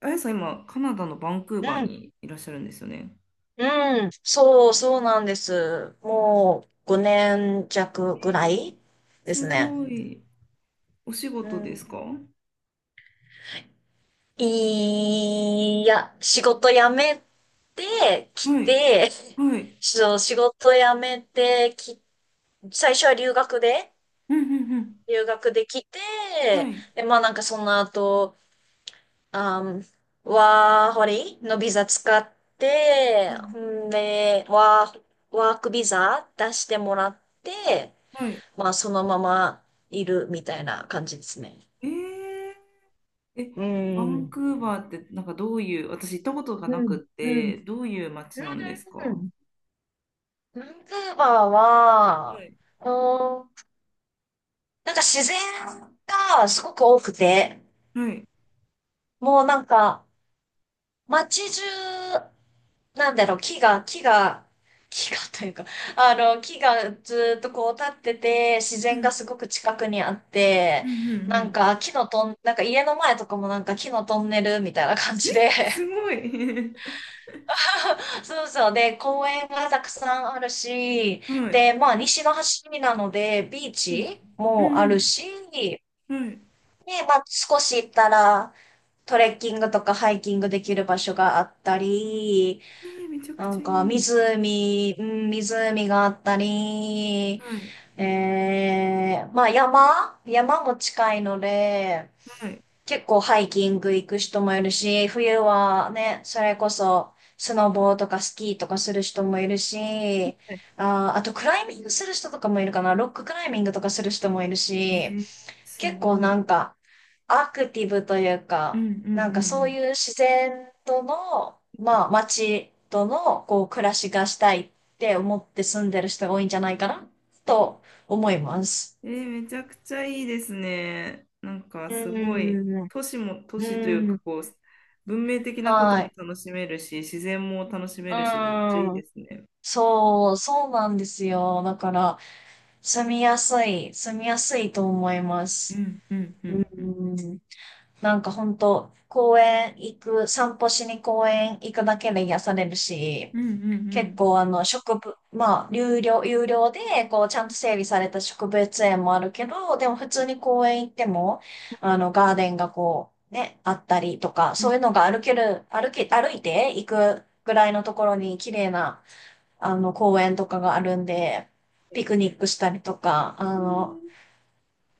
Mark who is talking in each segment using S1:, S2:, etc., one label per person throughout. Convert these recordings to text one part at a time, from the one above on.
S1: あやさん、今、カナダのバンクー
S2: う
S1: バー
S2: ん、
S1: にいらっしゃるんですよね。
S2: うん、そう、そうなんです。もう5年弱ぐらいで
S1: す
S2: すね。
S1: ごい。お仕
S2: う
S1: 事で
S2: ん、
S1: すか？は
S2: いや、仕事辞めてき
S1: い。
S2: て、
S1: は い。
S2: そう仕事辞めてき、最初は
S1: うんうんう
S2: 留学できて、
S1: ん。はい。
S2: で、まあなんかその後、あん、ワーホリのビザ使っ
S1: う
S2: て、
S1: ん
S2: んで、ワークビザ出してもらって、
S1: はい。
S2: まあ、そのままいるみたいな感じですね。
S1: えー、え、
S2: う
S1: バン
S2: ん。
S1: クーバーって、なんかどういう、私行ったことがな
S2: うん。
S1: くっ
S2: うん。うん。
S1: て、どういう街なんですか？は
S2: バンクーバーは、
S1: い。
S2: うーん、なんか自然がすごく多くて、
S1: はい。
S2: もうなんか、街中、なんだろう、木がというか、木がずっとこう立ってて、自
S1: う
S2: 然が
S1: ん。
S2: すごく近くにあっ
S1: う
S2: て、
S1: んうんう
S2: なん
S1: ん。
S2: か木のトン、なんか家の前とかもなんか木のトンネルみたいな感じで、
S1: すごい。
S2: そうそう。で、公園がたくさんあるし、
S1: はい。
S2: で、まあ、西の端なので、ビー
S1: うん。
S2: チ
S1: う
S2: もある
S1: ん
S2: し、で、
S1: うん。はい。
S2: まあ、少し行ったら、トレッキングとかハイキングできる場所があったり、
S1: えー、めちゃく
S2: なん
S1: ちゃい
S2: か、
S1: い。
S2: 湖、うん、湖があったり、
S1: はい。
S2: まあ、山も近いので、
S1: はい。
S2: 結構ハイキング行く人もいるし、冬はね、それこそスノボーとかスキーとかする人もいるし、
S1: はい。
S2: あとクライミングする人とかもいるかな、ロッククライミングとかする人もいる
S1: え
S2: し、
S1: ー、す
S2: 結構
S1: ご
S2: な
S1: い。
S2: んかアクティブという
S1: うん
S2: か、
S1: うんう
S2: なんかそう
S1: ん
S2: いう自然との、まあ街とのこう暮らしがしたいって思って住んでる人が多いんじゃないかなと思います。
S1: うん。えー、めちゃくちゃいいですね。なんか
S2: うー
S1: すごい、
S2: ん。う
S1: 都市も都市という
S2: ー
S1: か、
S2: ん。
S1: こう、文明的なこと
S2: は
S1: も
S2: い。
S1: 楽しめるし、自然も楽し
S2: う
S1: めるし、めっちゃいい
S2: ーん。
S1: ですね。
S2: そう、そうなんですよ。だから、住みやすいと思いま
S1: う
S2: す。
S1: んうんう
S2: う
S1: んうん。
S2: ん。なんか本当公園行く、散歩しに公園行くだけで癒されるし、
S1: うんうんう
S2: 結
S1: ん。
S2: 構あのまあ、有料で、こう、ちゃんと整備された植物園もあるけど、でも普通に
S1: は
S2: 公園行っても、
S1: いは
S2: あ
S1: い。
S2: の、ガーデンがこう、ね、あったりとか、
S1: う
S2: そ
S1: ん。
S2: ういうのが歩ける、歩け、歩いて行くぐらいのところに綺麗な公園とかがあるんで、ピクニックしたりとか、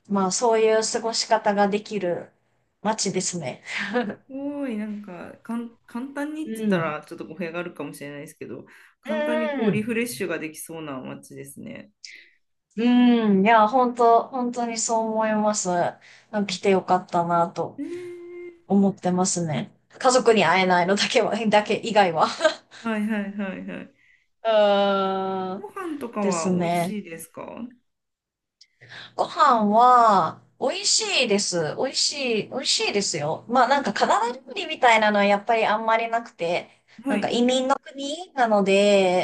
S2: まあ、そういう過ごし方ができる街ですね。
S1: すごい、簡単にって言っ
S2: う
S1: た
S2: ん。
S1: ら、ちょっと語弊があるかもしれないですけど、簡単にこ
S2: う
S1: う、リフ
S2: ん。
S1: レッシュができそうな街ですね。
S2: うん。いや、本当本当にそう思います。
S1: うん。
S2: 来てよかったな
S1: え
S2: と
S1: ー。
S2: 思ってますね。家族に会えないのだけは、だけ以外は。
S1: はいはいはいはい。
S2: うーん。
S1: ご飯と か
S2: で
S1: は
S2: す
S1: 美味
S2: ね。
S1: しいですか？
S2: ご飯は、美味しいです。美味しいですよ。まあ
S1: う
S2: なんか
S1: ん。
S2: カナダ料理みたいなのはやっぱりあんまりなくて、
S1: は
S2: なんか
S1: い。
S2: 移民の国なの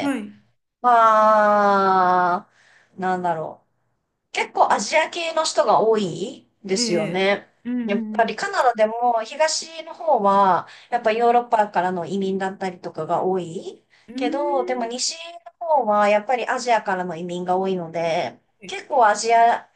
S1: はい。
S2: まあ、なんだろう。結構アジア系の人が多いで
S1: え
S2: すよ
S1: え。
S2: ね。
S1: うんう
S2: やっ
S1: ん
S2: ぱ
S1: う
S2: り
S1: ん。
S2: カナダでも東の方はやっぱヨーロッパからの移民だったりとかが多い
S1: うー
S2: けど、でも
S1: ん。
S2: 西の方はやっぱりアジアからの移民が多いので、
S1: はい。
S2: 結構アジア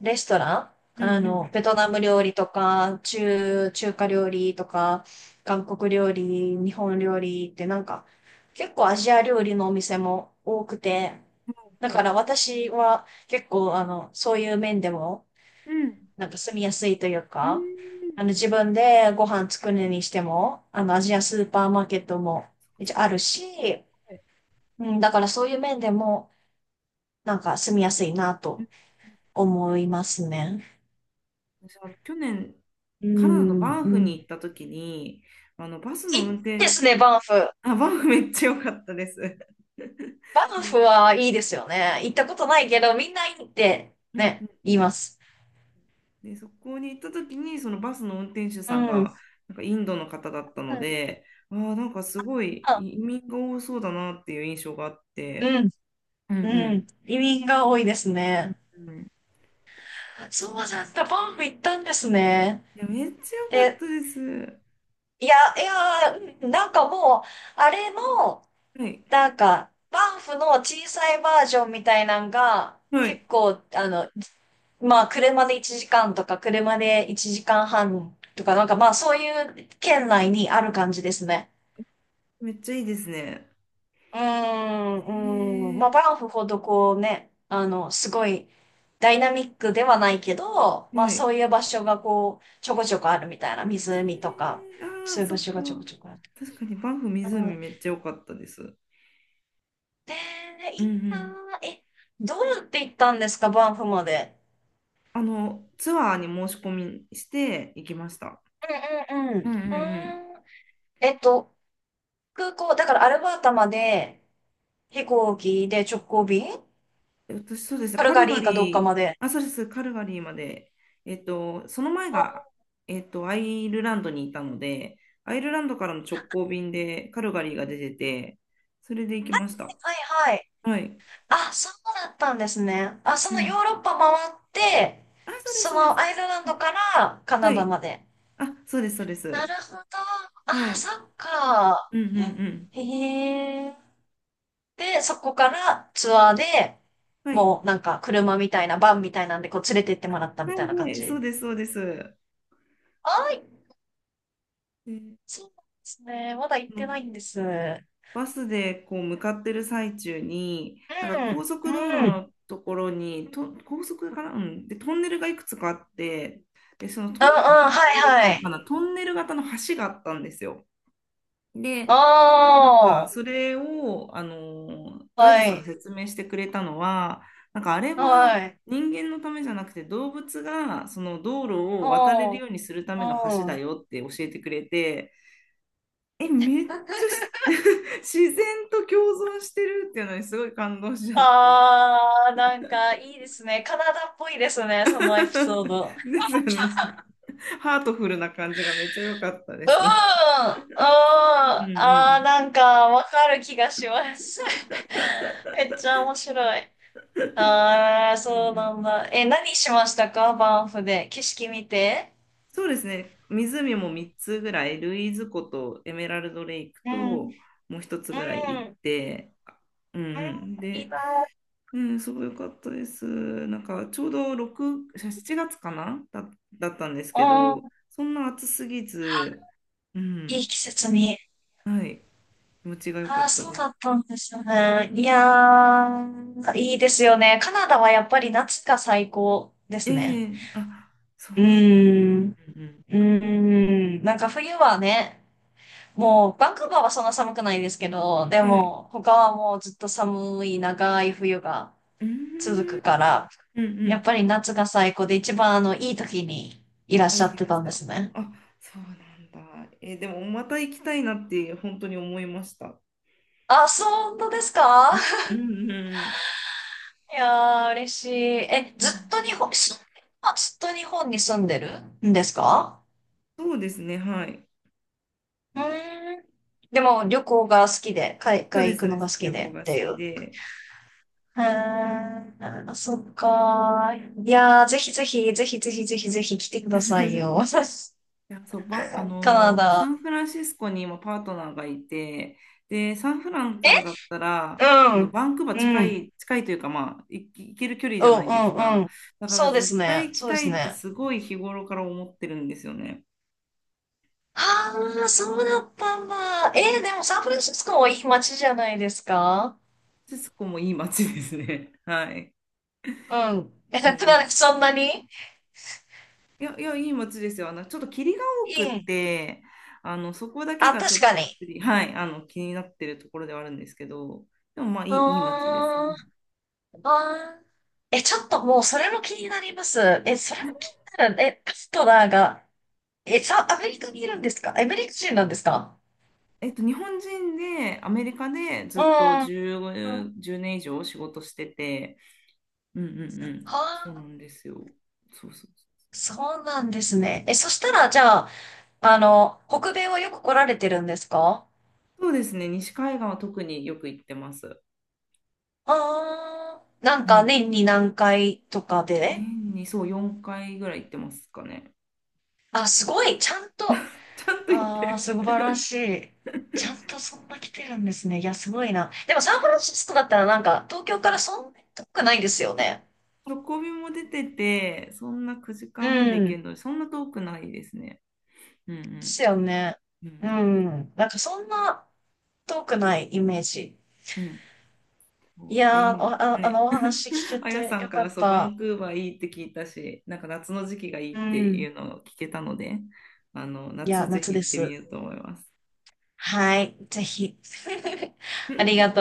S2: レストラン、
S1: うん
S2: あ
S1: うん。
S2: の、ベトナム料理とか、中華料理とか、韓国料理、日本料理ってなんか結構アジア料理のお店も多くて、
S1: はう。
S2: だ
S1: ほ
S2: か
S1: う。
S2: ら私は結構、あの、そういう面でも、
S1: うん。
S2: なんか住みやすいという
S1: うー
S2: か、あの、
S1: ん。
S2: 自分でご飯作るにしても、あの、アジアスーパーマーケットも
S1: そ
S2: 一
S1: っ
S2: 応あ
S1: かそっか。
S2: るし、
S1: はい。
S2: うん、だからそういう面でも、なんか住みやすいな
S1: う
S2: と
S1: んうんうん。
S2: 思いますね。
S1: 私、あの、去年、
S2: う
S1: カナダのバ
S2: ん、
S1: ン
S2: う
S1: フに行っ
S2: ん。
S1: た時に、あの、バス
S2: い
S1: の運
S2: いで
S1: 転、
S2: すね、バンフ。
S1: あ、バンフめっちゃ良かったです。で、
S2: バ
S1: う
S2: ンフ
S1: ん
S2: はいいですよね。行ったことないけど、みんないいって
S1: う
S2: ね、
S1: ん、
S2: 言います。
S1: で、そこに行った時に、そのバスの運転手
S2: う
S1: さん
S2: ん。うん、
S1: が、なんかインドの方だったので、ああ、なんかすごい
S2: あ、
S1: 移民が多そうだなっていう印象があって、
S2: うん、
S1: うんう
S2: う
S1: ん
S2: ん。移民が多いですね。
S1: うんうん。
S2: そうなんだ、ったバンフ行ったんですね。
S1: いや、めっちゃ良かっ
S2: で、
S1: たです。
S2: いや、いや、うん、なんかもう、あれの、
S1: はい。
S2: なんか、バンフの小さいバージョンみたいなんが、
S1: はい。
S2: 結構、あの、まあ、車で1時間とか、車で1時間半とか、なんかまあ、そういう県内にある感じですね。
S1: めっちゃいいですね。
S2: うーん、うん。
S1: へ
S2: まあ、
S1: え。
S2: バンフほどこうね、すごいダイナミックではないけど、まあ
S1: は
S2: そ
S1: い。
S2: ういう場所がこう、ちょこちょこあるみたいな、
S1: え
S2: 湖とか、
S1: ー、あ
S2: そ
S1: あ、
S2: ういう
S1: そ
S2: 場
S1: っ
S2: 所
S1: か。
S2: がちょこちょこある。
S1: 確かにバンフ
S2: う
S1: 湖
S2: ん。
S1: めっちゃ良かったです。
S2: で、
S1: う
S2: い
S1: んう
S2: いな
S1: ん。
S2: ぁ。え、どうやって行ったんですか、バンフまで？
S1: あの、ツアーに申し込みして行きました。
S2: うんうんう
S1: う
S2: ん。
S1: んうん
S2: う
S1: うん。
S2: ーん。えっと、空港、だからアルバータまで飛行機で直行便、
S1: 私、そうですね、
S2: カル
S1: カ
S2: ガ
S1: ルガ
S2: リーかどっか
S1: リー、
S2: まで。
S1: あ、そうです、カルガリーまで、えっと、その前
S2: うん、
S1: が、えっと、アイルランドにいたので、アイルランドからの直行便でカルガリーが出てて、それで行きました。
S2: はい。
S1: はい。
S2: あ、そうだったんですね。あ、そ
S1: う
S2: のヨ
S1: ん。
S2: ーロッパ回って、
S1: あ、そうです、
S2: そ
S1: そうで
S2: のアイル
S1: す。
S2: ランドからカ
S1: は
S2: ナダ
S1: い。
S2: まで。
S1: あ、そうです、そうで
S2: な
S1: す。
S2: るほど。
S1: は
S2: あ、そ
S1: い。
S2: っか。
S1: うんうんうん。
S2: へえ。で、そこからツアーで、
S1: はい。
S2: もうなんか車みたいな、バンみたいなんでこう連れて行ってもらったみ
S1: は
S2: たい
S1: い、
S2: な
S1: は
S2: 感
S1: い、そう
S2: じ。
S1: です、そうです。
S2: はい。
S1: で、
S2: そうなんですね。まだ行っ
S1: あの、
S2: てないんです。うん。
S1: バスでこう向かってる最中に、なんか高
S2: う
S1: 速
S2: ん。うん。うん
S1: 道
S2: う
S1: 路
S2: んうんう
S1: のところに、高速かな、うん、で、トンネルがいくつかあって、で、
S2: ん。
S1: トン
S2: はい
S1: ネルっていう
S2: はい。
S1: のかな、トンネル型の橋があったんですよ。で、なんか
S2: あ
S1: それを、
S2: あ。
S1: ガイド
S2: は
S1: さんが
S2: い。
S1: 説明してくれたのは、なんかあれは
S2: はい。
S1: 人間のためじゃなくて動物がその道路を渡れる
S2: あ
S1: ようにするた
S2: あ。
S1: めの
S2: う
S1: 橋だ
S2: ん。
S1: よって教えてくれて、え、めっちゃし 自然と共存してるっていうのにすごい感動しちゃって。
S2: あー、なんかいいですね。カナダっぽいですね、そ のエピソード。
S1: ですよね。なんか ハートフルな感じがめっちゃ良かったで
S2: うん、う
S1: す。
S2: ん、
S1: うんう
S2: あー、
S1: ん
S2: なんかわかる気がします。めっちゃ面白い。あー、
S1: うん。うん
S2: そう
S1: うん、
S2: なんだ。え、何しましたか、バンフで？景色見て。
S1: そうですね。湖も3つぐらい、ルイーズ湖とエメラルドレイク
S2: うん、うん、
S1: と、もう一つ
S2: う
S1: ぐらい行っ
S2: ん、
S1: て、うんうん。
S2: いい
S1: で、
S2: な。
S1: うん、すごい良かったです。なんかちょうど6、7月かなだったんです
S2: う
S1: けど、
S2: ん、
S1: そんな暑すぎず、う
S2: いい
S1: ん。
S2: 季節に。
S1: はい。気持ちが良か
S2: ああ、
S1: った
S2: そう
S1: です。
S2: だったんですよね。いやー、いいですよね。カナダはやっぱり夏が最高で
S1: え
S2: すね。
S1: え、あ、そう
S2: う
S1: なんだ。
S2: ーん。
S1: うん
S2: うーん。なんか冬はね、もうバンクーバーはそんな寒くないですけど、で
S1: うん。はい。
S2: も他はもうずっと寒い長い冬が
S1: うー
S2: 続
S1: ん、
S2: くから、
S1: うんう
S2: やっ
S1: ん。
S2: ぱり夏が最高で一番いい時にいらっ
S1: あ、
S2: しゃ
S1: 言
S2: っ
S1: い
S2: て
S1: ま
S2: た
S1: し
S2: んで
S1: た。
S2: すね。
S1: あ、そうなんだ。えー、でもまた行きたいなって本当に思いました。
S2: あ、そうなんですか？
S1: うんうんう
S2: いやー、嬉しい。え、
S1: ん。
S2: ず
S1: う
S2: っ
S1: ん。
S2: と日本、ずっと日本に住んでるんですか？
S1: そうですね、はい。
S2: うーん。でも旅行が好きで、海
S1: そう
S2: 外
S1: で
S2: 行
S1: す、そ
S2: く
S1: う
S2: の
S1: で
S2: が
S1: す。
S2: 好き
S1: 旅行
S2: でっ
S1: が好
S2: てい
S1: き
S2: う。
S1: で。
S2: へえ、あ、そっか。いやー、ぜひぜひ、ぜひぜひぜひぜひ来てくださいよ。
S1: いや、そう、ば、あ
S2: カナ
S1: のーサン
S2: ダ。
S1: フランシスコにもパートナーがいて、で、サンフランからだったら、
S2: う
S1: あ
S2: ん。う
S1: の、
S2: ん。
S1: バンクーバー
S2: う
S1: 近
S2: ん、
S1: い、近いというか、まあ、行ける距離
S2: う
S1: じゃないです
S2: ん、う
S1: か？
S2: ん。
S1: だから
S2: そうで
S1: 絶
S2: す
S1: 対
S2: ね。
S1: 行き
S2: そうで
S1: た
S2: す
S1: いって
S2: ね。
S1: すごい日頃から思ってるんですよね。
S2: ああ、そうだったんだ。でもサンフランシスコもいい街じゃないですか？
S1: シスコもいい街ですね。はい。
S2: うん。え、
S1: うん
S2: な
S1: う
S2: ん
S1: ん。
S2: かそんなに。
S1: いや、いや、いい街ですよ。あの、ちょっと霧が多
S2: う
S1: くっ
S2: ん。
S1: て、あの、そこだけ
S2: あ、
S1: がちょ
S2: 確
S1: っ
S2: か
S1: と、
S2: に。
S1: はい、あの、気になってるところではあるんですけど、でもまあ、いい、いい街です。
S2: あー、あー。え、ちょっともうそれも気になります。え、それも気になる。え、カストナーが、え、じゃあ、アメリカにいるんですか？アメリカ人なんですか？
S1: えっと、日本人でアメリカでず
S2: う
S1: っと
S2: ん。は
S1: 10、年以上仕事してて、うんうんう
S2: あ、
S1: ん、そうなんですよ。そうそうそう。
S2: そうなんですね。え、そしたら、じゃあ、北米はよく来られてるんですか？
S1: そうですね、西海岸は特によく行ってます。
S2: ああー、なん
S1: う
S2: か
S1: ん。
S2: 年に何回とかで？
S1: 年にそう4回ぐらい行ってますかね。
S2: あ、すごい、ちゃんと、
S1: ちゃんと行って
S2: ああ、
S1: る。
S2: 素晴らしい。ちゃんとそんな来てるんですね。いや、すごいな。でもサンフランシスコだったらなんか、東京からそんなに遠くないですよね。
S1: 直びも出てて、そんな9時
S2: う
S1: 間半で行
S2: ん。で
S1: けるので、そんな遠くないですね。うんう
S2: すよね。
S1: ん。う
S2: う
S1: ん。
S2: ん。なんかそんな遠くないイメージ。
S1: うん。そ
S2: い
S1: うで、
S2: やー、お
S1: 今、
S2: あ、
S1: ね、
S2: お 話聞け
S1: あや
S2: て
S1: さ
S2: よ
S1: んか
S2: か
S1: ら
S2: っ
S1: そう、バ
S2: た。
S1: ンクーバーいいって聞いたし、なんか夏の時期がい
S2: う
S1: いって
S2: ん。
S1: いうのを聞けたので、あの、
S2: いや、
S1: 夏ぜ
S2: 夏
S1: ひ
S2: で
S1: 行ってみ
S2: す。
S1: ようと思います。
S2: はい。ぜひ。ありがとう。